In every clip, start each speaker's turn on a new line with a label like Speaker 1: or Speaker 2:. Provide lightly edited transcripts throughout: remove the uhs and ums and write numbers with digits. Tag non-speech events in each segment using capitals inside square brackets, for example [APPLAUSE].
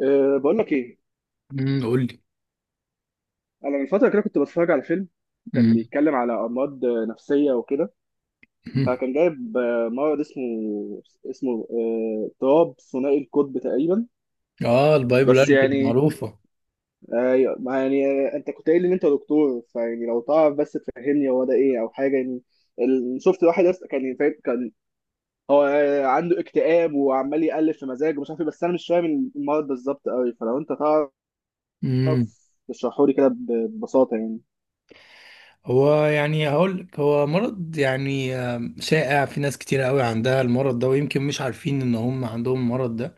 Speaker 1: أه بقول لك ايه.
Speaker 2: قول لي.
Speaker 1: انا من فتره كده كنت بتفرج على فيلم، كان
Speaker 2: امم.
Speaker 1: بيتكلم على امراض نفسيه وكده. فكان جايب مرض اسمه اضطراب ثنائي القطب تقريبا.
Speaker 2: اه،
Speaker 1: بس
Speaker 2: البايبولاريتي
Speaker 1: يعني
Speaker 2: معروفة.
Speaker 1: ايوه ما يعني انت كنت قايل لي ان انت دكتور، فيعني لو تعرف بس تفهمني هو ده ايه او حاجه يعني. شفت واحد كان هو عنده اكتئاب وعمال يقلب في مزاجه ومش عارف ايه، بس انا مش فاهم المرض بالظبط قوي، فلو انت تعرف
Speaker 2: امم
Speaker 1: تشرحه لي كده ببساطه يعني.
Speaker 2: هو يعني هقول لك هو مرض يعني شائع في ناس كتير قوي عندها المرض ده ويمكن مش عارفين ان هم عندهم المرض ده.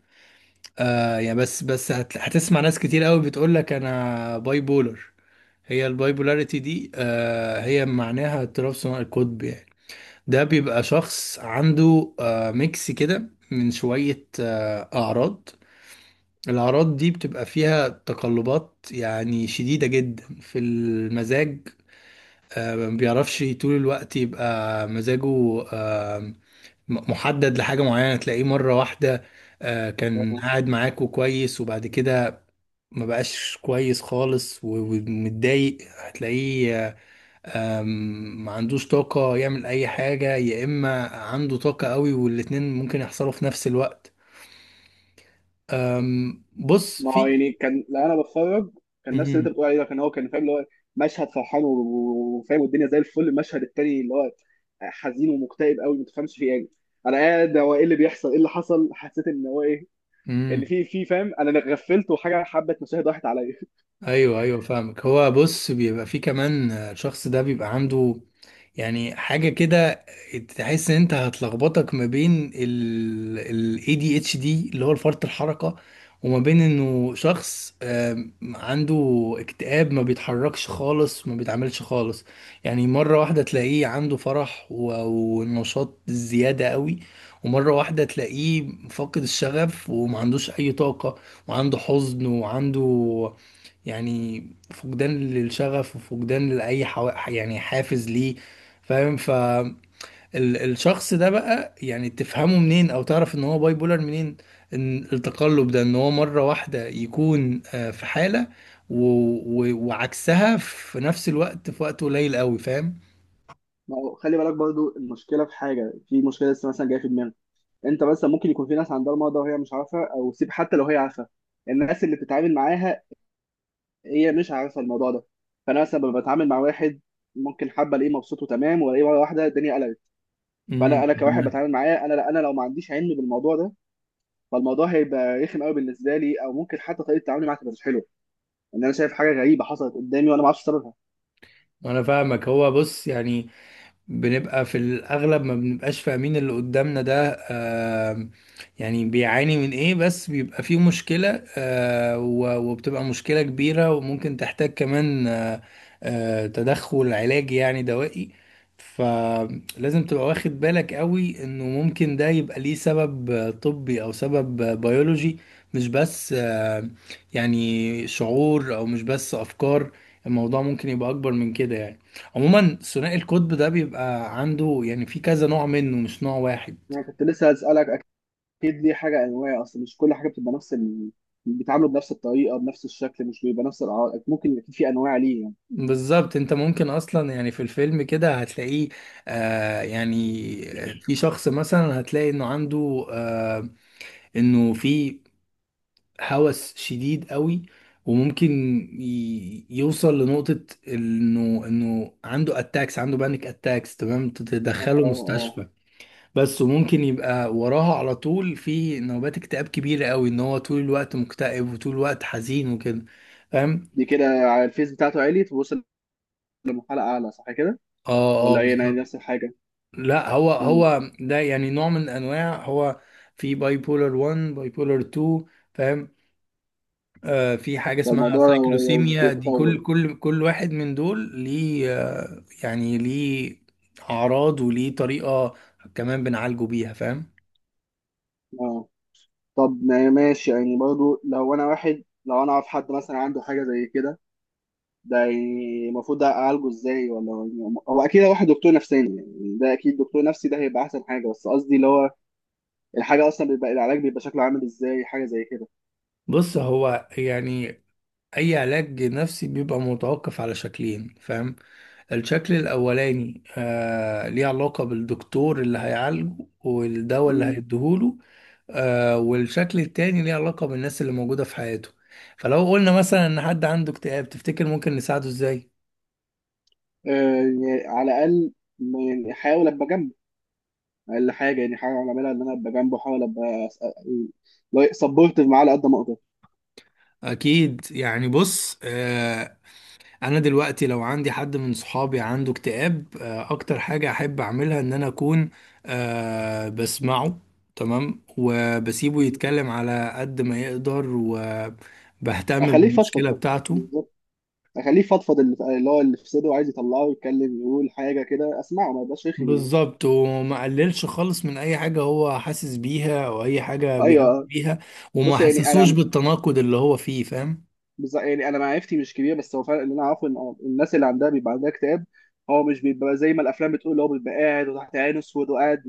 Speaker 2: يعني بس بس هتسمع ناس كتير قوي بتقول لك انا بايبولر. هي البايبولاريتي دي هي معناها اضطراب ثنائي القطب يعني. ده بيبقى شخص عنده ميكس كده من شوية أعراض. الأعراض دي بتبقى فيها تقلبات يعني شديدة جدا في المزاج. ما بيعرفش طول الوقت يبقى مزاجه محدد لحاجة معينة. تلاقيه مرة واحدة كان قاعد معاكوا كويس وبعد كده ما بقاش كويس خالص ومتضايق. هتلاقيه آه، آم، ما عندوش طاقة يعمل أي حاجة، يا إما عنده طاقة قوي، والاتنين ممكن يحصلوا في نفس الوقت. بص
Speaker 1: ما هو
Speaker 2: في.
Speaker 1: يعني كان لو انا بتفرج كان نفس اللي انت
Speaker 2: مم.
Speaker 1: بتقول عليه ده، كان هو كان فاهم اللي هو مشهد فرحان وفاهم والدنيا زي الفل، المشهد التاني اللي هو حزين ومكتئب قوي ما تفهمش فيه يعني. انا قاعد هو ايه اللي بيحصل، ايه اللي حصل، حسيت ان هو ايه،
Speaker 2: مم.
Speaker 1: ان في فاهم انا اللي غفلت وحاجه حبه مشاهد راحت عليا.
Speaker 2: ايوه، ايوه، فاهمك. هو بص بيبقى فيه كمان الشخص ده بيبقى عنده يعني حاجة كده. تحس ان انت هتلخبطك ما بين ال ADHD اللي هو فرط الحركة، وما بين انه شخص عنده اكتئاب ما بيتحركش خالص، ما بيتعملش خالص. يعني مرة واحدة تلاقيه عنده فرح ونشاط زيادة قوي، ومرة واحدة تلاقيه فاقد الشغف وما عندوش اي طاقة، وعنده حزن وعنده يعني فقدان للشغف وفقدان لأي يعني حافز ليه. فاهم؟ فالشخص ده بقى يعني تفهمه منين او تعرف ان هو باي بولر منين؟ ان التقلب ده، ان هو مرة واحدة يكون في حالة و... وعكسها في نفس الوقت في وقت قليل قوي. فاهم؟
Speaker 1: ما هو خلي بالك برضو المشكله في حاجه، في مشكله لسه مثلا جايه في دماغي. انت مثلا ممكن يكون في ناس عندها المرض ده وهي مش عارفه، او سيب، حتى لو هي عارفه الناس اللي بتتعامل معاها هي مش عارفه الموضوع ده. فانا مثلا لما بتعامل مع واحد ممكن حابه الاقيه مبسوط وتمام والاقيه مره واحده الدنيا قلبت. فانا كواحد
Speaker 2: امم
Speaker 1: بتعامل معاه، انا لو ما عنديش علم بالموضوع ده، فالموضوع هيبقى رخم قوي بالنسبه لي، او ممكن حتى طريقه تعاملي معاه تبقى مش حلوه، ان انا شايف حاجه غريبه حصلت قدامي وانا ما اعرفش سببها.
Speaker 2: انا فاهمك. هو بص يعني بنبقى في الأغلب ما بنبقاش فاهمين اللي قدامنا ده يعني بيعاني من إيه، بس بيبقى فيه مشكلة وبتبقى مشكلة كبيرة وممكن تحتاج كمان تدخل علاجي يعني دوائي. فلازم تبقى واخد بالك قوي إنه ممكن ده يبقى ليه سبب طبي، أو سبب بيولوجي، مش بس يعني شعور، أو مش بس أفكار. الموضوع ممكن يبقى أكبر من كده يعني. عموما ثنائي القطب ده بيبقى عنده يعني في كذا نوع منه، مش نوع واحد.
Speaker 1: يعني كنت لسه هسالك، اكيد دي حاجه انواع، اصل مش كل حاجه بتبقى نفس ال... بيتعاملوا بنفس الطريقه بنفس الشكل، مش بيبقى نفس الاعراض، ممكن يكون في انواع ليه يعني.
Speaker 2: بالظبط، انت ممكن اصلا يعني في الفيلم كده هتلاقيه يعني في شخص مثلا هتلاقي انه عنده في هوس شديد قوي. وممكن يوصل لنقطة انه عنده اتاكس، عنده بانيك اتاكس، تمام
Speaker 1: اه
Speaker 2: تدخله
Speaker 1: اه.
Speaker 2: مستشفى. بس وممكن يبقى وراها على طول في نوبات اكتئاب كبيرة قوي، ان هو طول الوقت مكتئب وطول الوقت حزين وكده. فاهم؟
Speaker 1: دي كده على الفيس بتاعته عالي، توصل لمرحله اعلى صح كده
Speaker 2: اه، اه،
Speaker 1: ولا ايه؟ انا
Speaker 2: بالظبط.
Speaker 1: نفس الحاجه.
Speaker 2: لا، هو
Speaker 1: مم.
Speaker 2: هو ده يعني نوع من انواع. هو في باي بولر 1 باي بولر 2. فاهم؟ آه في حاجة اسمها
Speaker 1: فالموضوع لو، لو
Speaker 2: سايكلوسيميا. دي
Speaker 1: بيتطور.
Speaker 2: كل واحد من دول ليه يعني ليه اعراض وليه طريقة كمان بنعالجه بيها. فاهم؟
Speaker 1: اه. طب ما ماشي، يعني برضو لو انا واحد، لو انا اعرف حد مثلا عنده حاجه زي كده، ده يعني المفروض اعالجه ازاي؟ ولا يعني هو اكيد هروح لدكتور نفساني، يعني ده اكيد دكتور نفسي ده هيبقى احسن حاجه، بس قصدي اللي هو الحاجه اصلا بيبقى العلاج بيبقى شكله عامل ازاي حاجه زي كده.
Speaker 2: بص هو يعني اي علاج نفسي بيبقى متوقف على شكلين. فاهم؟ الشكل الاولاني ليه علاقة بالدكتور اللي هيعالجه والدواء اللي
Speaker 1: مم.
Speaker 2: هيديهوله. والشكل التاني ليه علاقة بالناس اللي موجودة في حياته. فلو قلنا مثلا ان حد عنده اكتئاب، تفتكر ممكن نساعده ازاي؟
Speaker 1: آه يعني على الاقل، يعني احاول ابقى جنبه. اقل حاجه يعني حاجه اعملها ان انا ابقى جنبه، احاول ابقى سبورتيف معاه على قد ما اقدر.
Speaker 2: اكيد، يعني بص انا دلوقتي لو عندي حد من صحابي عنده اكتئاب، اكتر حاجة احب اعملها ان انا اكون بسمعه. تمام، وبسيبه
Speaker 1: مم.
Speaker 2: يتكلم على قد ما يقدر، وبهتم
Speaker 1: اخليه يفضفض،
Speaker 2: بالمشكلة بتاعته.
Speaker 1: اخليه يفضفض اللي هو اللي في صدره وعايز يطلعه، يتكلم، يقول حاجه كده اسمعه، ما يبقاش رخم يعني.
Speaker 2: بالظبط، وما قللش خالص من اي حاجة هو حاسس بيها او اي حاجة
Speaker 1: ايوه
Speaker 2: بيعمل
Speaker 1: آه.
Speaker 2: بيها، وما
Speaker 1: بص يعني
Speaker 2: حسسوش
Speaker 1: انا
Speaker 2: بالتناقض اللي هو فيه. فاهم؟
Speaker 1: يعني انا معرفتي مش كبيره، بس هو فعلا اللي انا اعرفه ان الناس اللي عندها بيبقى عندها اكتئاب، هو مش بيبقى زي ما الافلام بتقول، اللي هو بيبقى قاعد وتحت عينه اسود وقاعد،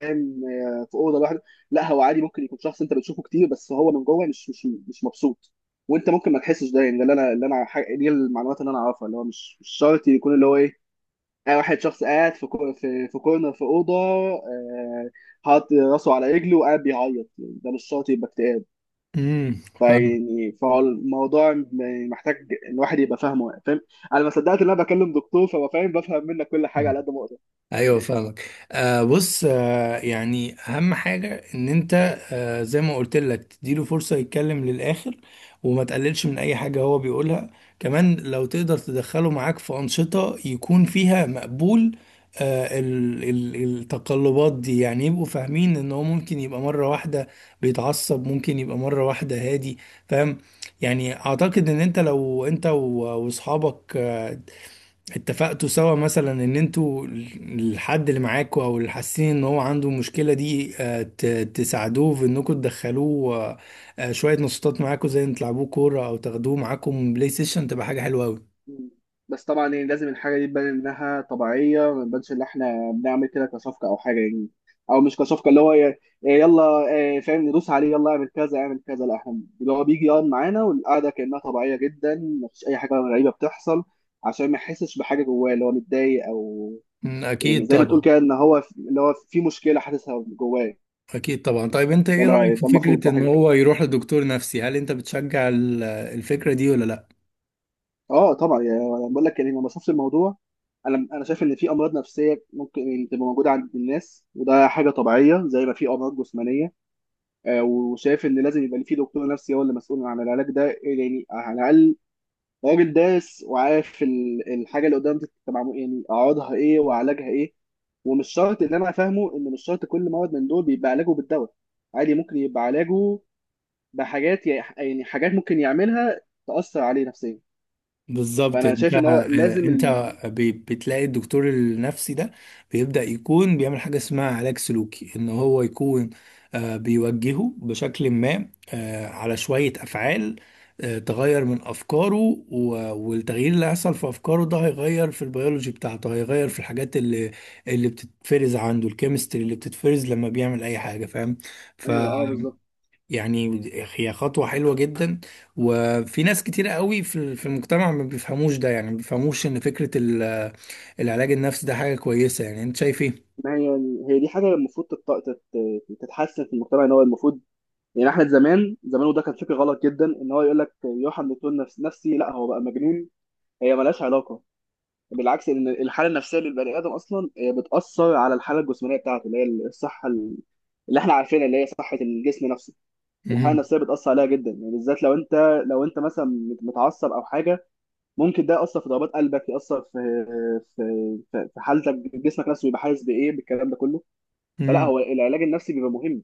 Speaker 1: فاهم، في اوضه لوحده. لا هو عادي ممكن يكون شخص انت بتشوفه كتير بس هو من جوه مش مبسوط، وانت ممكن ما تحسش ده. يعني ده اللي انا، دي المعلومات اللي انا اعرفها، اللي هو مش شرط يكون اللي هو ايه، واحد شخص قاعد في في كورنر في اوضه، آه، حاطط راسه على رجله وقاعد بيعيط. يعني ده مش شرط يبقى اكتئاب.
Speaker 2: فاهم.
Speaker 1: فيعني فالموضوع محتاج الواحد يبقى فاهمه، فاهم. انا ما صدقت ان انا بكلم دكتور، بفهم منك كل حاجه على قد ما اقدر.
Speaker 2: ايوه فاهمك، بص يعني اهم حاجه ان انت زي ما قلت لك تديله فرصه يتكلم للاخر، وما تقللش من اي حاجه هو بيقولها. كمان لو تقدر تدخله معاك في انشطه يكون فيها مقبول. ال التقلبات دي، يعني يبقوا فاهمين ان هو ممكن يبقى مره واحده بيتعصب، ممكن يبقى مره واحده هادي. فاهم؟ يعني اعتقد ان انت لو انت واصحابك اتفقتوا سوا مثلا ان انتوا الحد اللي معاكوا، او اللي حاسين ان هو عنده المشكله دي، تساعدوه في انكم تدخلوه شويه نشاطات معاكوا، زي ان تلعبوه كوره او تاخدوه معاكم بلاي ستيشن، تبقى حاجه حلوه قوي.
Speaker 1: مم. بس طبعا يعني لازم الحاجة دي تبان إنها طبيعية، ما نبانش إن إحنا بنعمل كده كصفقة أو حاجة يعني. أو مش كصفقة اللي هو ي- يلا آه، فاهم، ندوس عليه يلا اعمل كذا اعمل كذا، لا، إحنا اللي هو بيجي يقعد معانا والقعدة كأنها طبيعية جدا، مفيش أي حاجة غريبة بتحصل، عشان ما يحسش بحاجة جواه اللي هو متضايق أو يعني
Speaker 2: اكيد
Speaker 1: زي ما تقول
Speaker 2: طبعا.
Speaker 1: كده، إن هو اللي هو في مشكلة حاسسها جواه.
Speaker 2: اكيد طبعا. طيب، انت ايه رايك في
Speaker 1: ده المفروض،
Speaker 2: فكره
Speaker 1: صح.
Speaker 2: ان هو يروح لدكتور نفسي؟ هل انت بتشجع الفكره دي ولا لا؟
Speaker 1: اه طبعا، يعني انا بقول لك يعني ما بشوفش الموضوع، انا شايف ان في امراض نفسيه ممكن يعني تبقى موجوده عند الناس وده حاجه طبيعيه زي ما في امراض جسمانيه. وشايف ان لازم يبقى في دكتور نفسي هو اللي مسؤول عن العلاج ده، يعني على الاقل راجل دارس وعارف الحاجه اللي قدام دي تبقى يعني اعراضها ايه وعلاجها ايه. ومش شرط، اللي انا فاهمه ان مش شرط كل مرض من دول بيبقى علاجه بالدواء، عادي ممكن يبقى علاجه بحاجات، يعني حاجات ممكن يعملها تأثر عليه نفسيا.
Speaker 2: بالظبط.
Speaker 1: فانا
Speaker 2: انت
Speaker 1: شايف ان هو
Speaker 2: آه،
Speaker 1: لازم.
Speaker 2: انت بتلاقي الدكتور النفسي ده بيبدأ يكون بيعمل حاجة اسمها علاج سلوكي، ان هو يكون بيوجهه بشكل ما على شوية افعال تغير من افكاره. والتغيير اللي هيحصل في افكاره ده هيغير في البيولوجي بتاعته، هيغير في الحاجات اللي بتتفرز عنده، الكيمستري اللي بتتفرز لما بيعمل اي حاجة. فاهم؟
Speaker 1: ايوه اه بالظبط.
Speaker 2: يعني هي خطوة حلوة جدا. وفي ناس كتير قوي في المجتمع ما بيفهموش ده، يعني ما بيفهموش ان فكرة العلاج النفسي ده حاجة كويسة. يعني انت شايف ايه؟
Speaker 1: ما هي، هي دي حاجه المفروض تتحسن في المجتمع، ان هو المفروض يعني احنا زمان وده كان فكر غلط جدا، ان هو يقول لك يوحنا دكتور نفسي لا هو بقى مجنون، هي ملهاش علاقه. بالعكس، ان الحاله النفسيه للبني ادم اصلا هي بتاثر على الحاله الجسمانيه بتاعته، اللي هي الصحه اللي احنا عارفينها اللي هي صحه الجسم نفسه. الحاله
Speaker 2: امم،
Speaker 1: النفسيه بتاثر عليها جدا يعني، بالذات لو انت، لو انت مثلا متعصب او حاجه، ممكن ده يأثر في ضربات قلبك، يأثر في، في، في حالتك، جسمك نفسه بيبقى حاسس بإيه بالكلام ده كله. فلا
Speaker 2: امم،
Speaker 1: هو العلاج النفسي بيبقى مهم،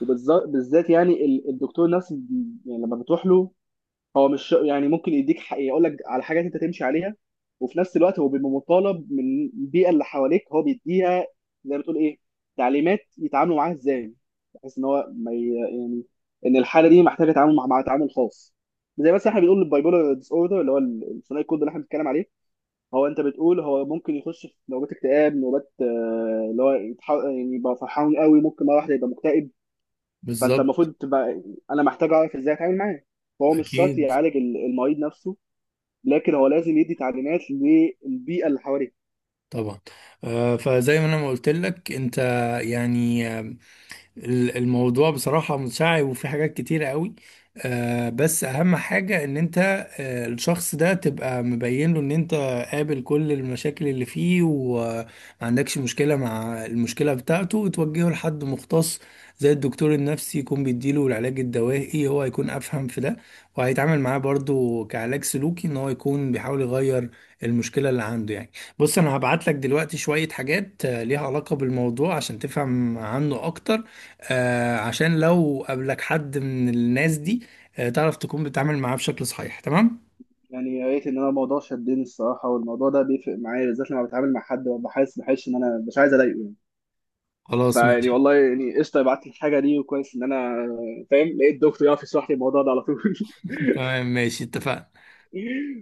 Speaker 1: وبالذات يعني الدكتور نفسه يعني لما بتروح له هو مش يعني ممكن يديك يقول لك على حاجات انت تمشي عليها، وفي نفس الوقت هو بيبقى مطالب من البيئة اللي حواليك هو بيديها زي ما تقول ايه، تعليمات يتعاملوا معاها ازاي، بحيث ان هو ما يعني ان الحالة دي محتاجة تعامل مع، تعامل خاص. زي مثلا احنا بنقول البايبولار ديس اوردر اللي هو الثنائي القطبي اللي احنا بنتكلم عليه، هو انت بتقول هو ممكن يخش في نوبات اكتئاب، نوبات اللي هو يعني يبقى فرحان قوي ممكن مره واحده يبقى مكتئب. فانت
Speaker 2: بالظبط،
Speaker 1: المفروض تبقى، انا محتاج اعرف ازاي اتعامل معاه. فهو مش شرط
Speaker 2: اكيد
Speaker 1: يعالج المريض نفسه، لكن هو لازم يدي تعليمات للبيئه اللي حواليه.
Speaker 2: طبعا. فزي ما انا ما قلت لك، انت يعني الموضوع بصراحة متشعب، وفي حاجات كتيرة قوي. بس أهم حاجة إن أنت الشخص ده تبقى مبين له إن أنت قابل كل المشاكل اللي فيه، وما عندكش مشكلة مع المشكلة بتاعته، وتوجهه لحد مختص زي الدكتور النفسي يكون بيديله العلاج الدوائي، هو هيكون أفهم في ده، وهيتعامل معاه برضو كعلاج سلوكي إن هو يكون بيحاول يغير المشكلة اللي عنده يعني. بص، أنا هبعت لك دلوقتي شوية حاجات ليها علاقة بالموضوع عشان تفهم عنه أكتر، عشان لو قابلك حد من الناس دي تعرف تكون بتتعامل معاه بشكل صحيح. تمام،
Speaker 1: يعني يا ريت، ان انا الموضوع شدني الصراحه، والموضوع ده بيفرق معايا بالذات لما بتعامل مع حد وببقى حاسس بحس ان انا مش عايز اضايقه يعني.
Speaker 2: خلاص
Speaker 1: فيعني
Speaker 2: ماشي.
Speaker 1: والله يعني قشطه بعت لي الحاجه دي، وكويس ان انا فاهم، لقيت دكتور يعرف يشرح لي الموضوع ده على طول.
Speaker 2: [LAUGHS] تمام، ماشي، اتفقنا.
Speaker 1: [LAUGHS]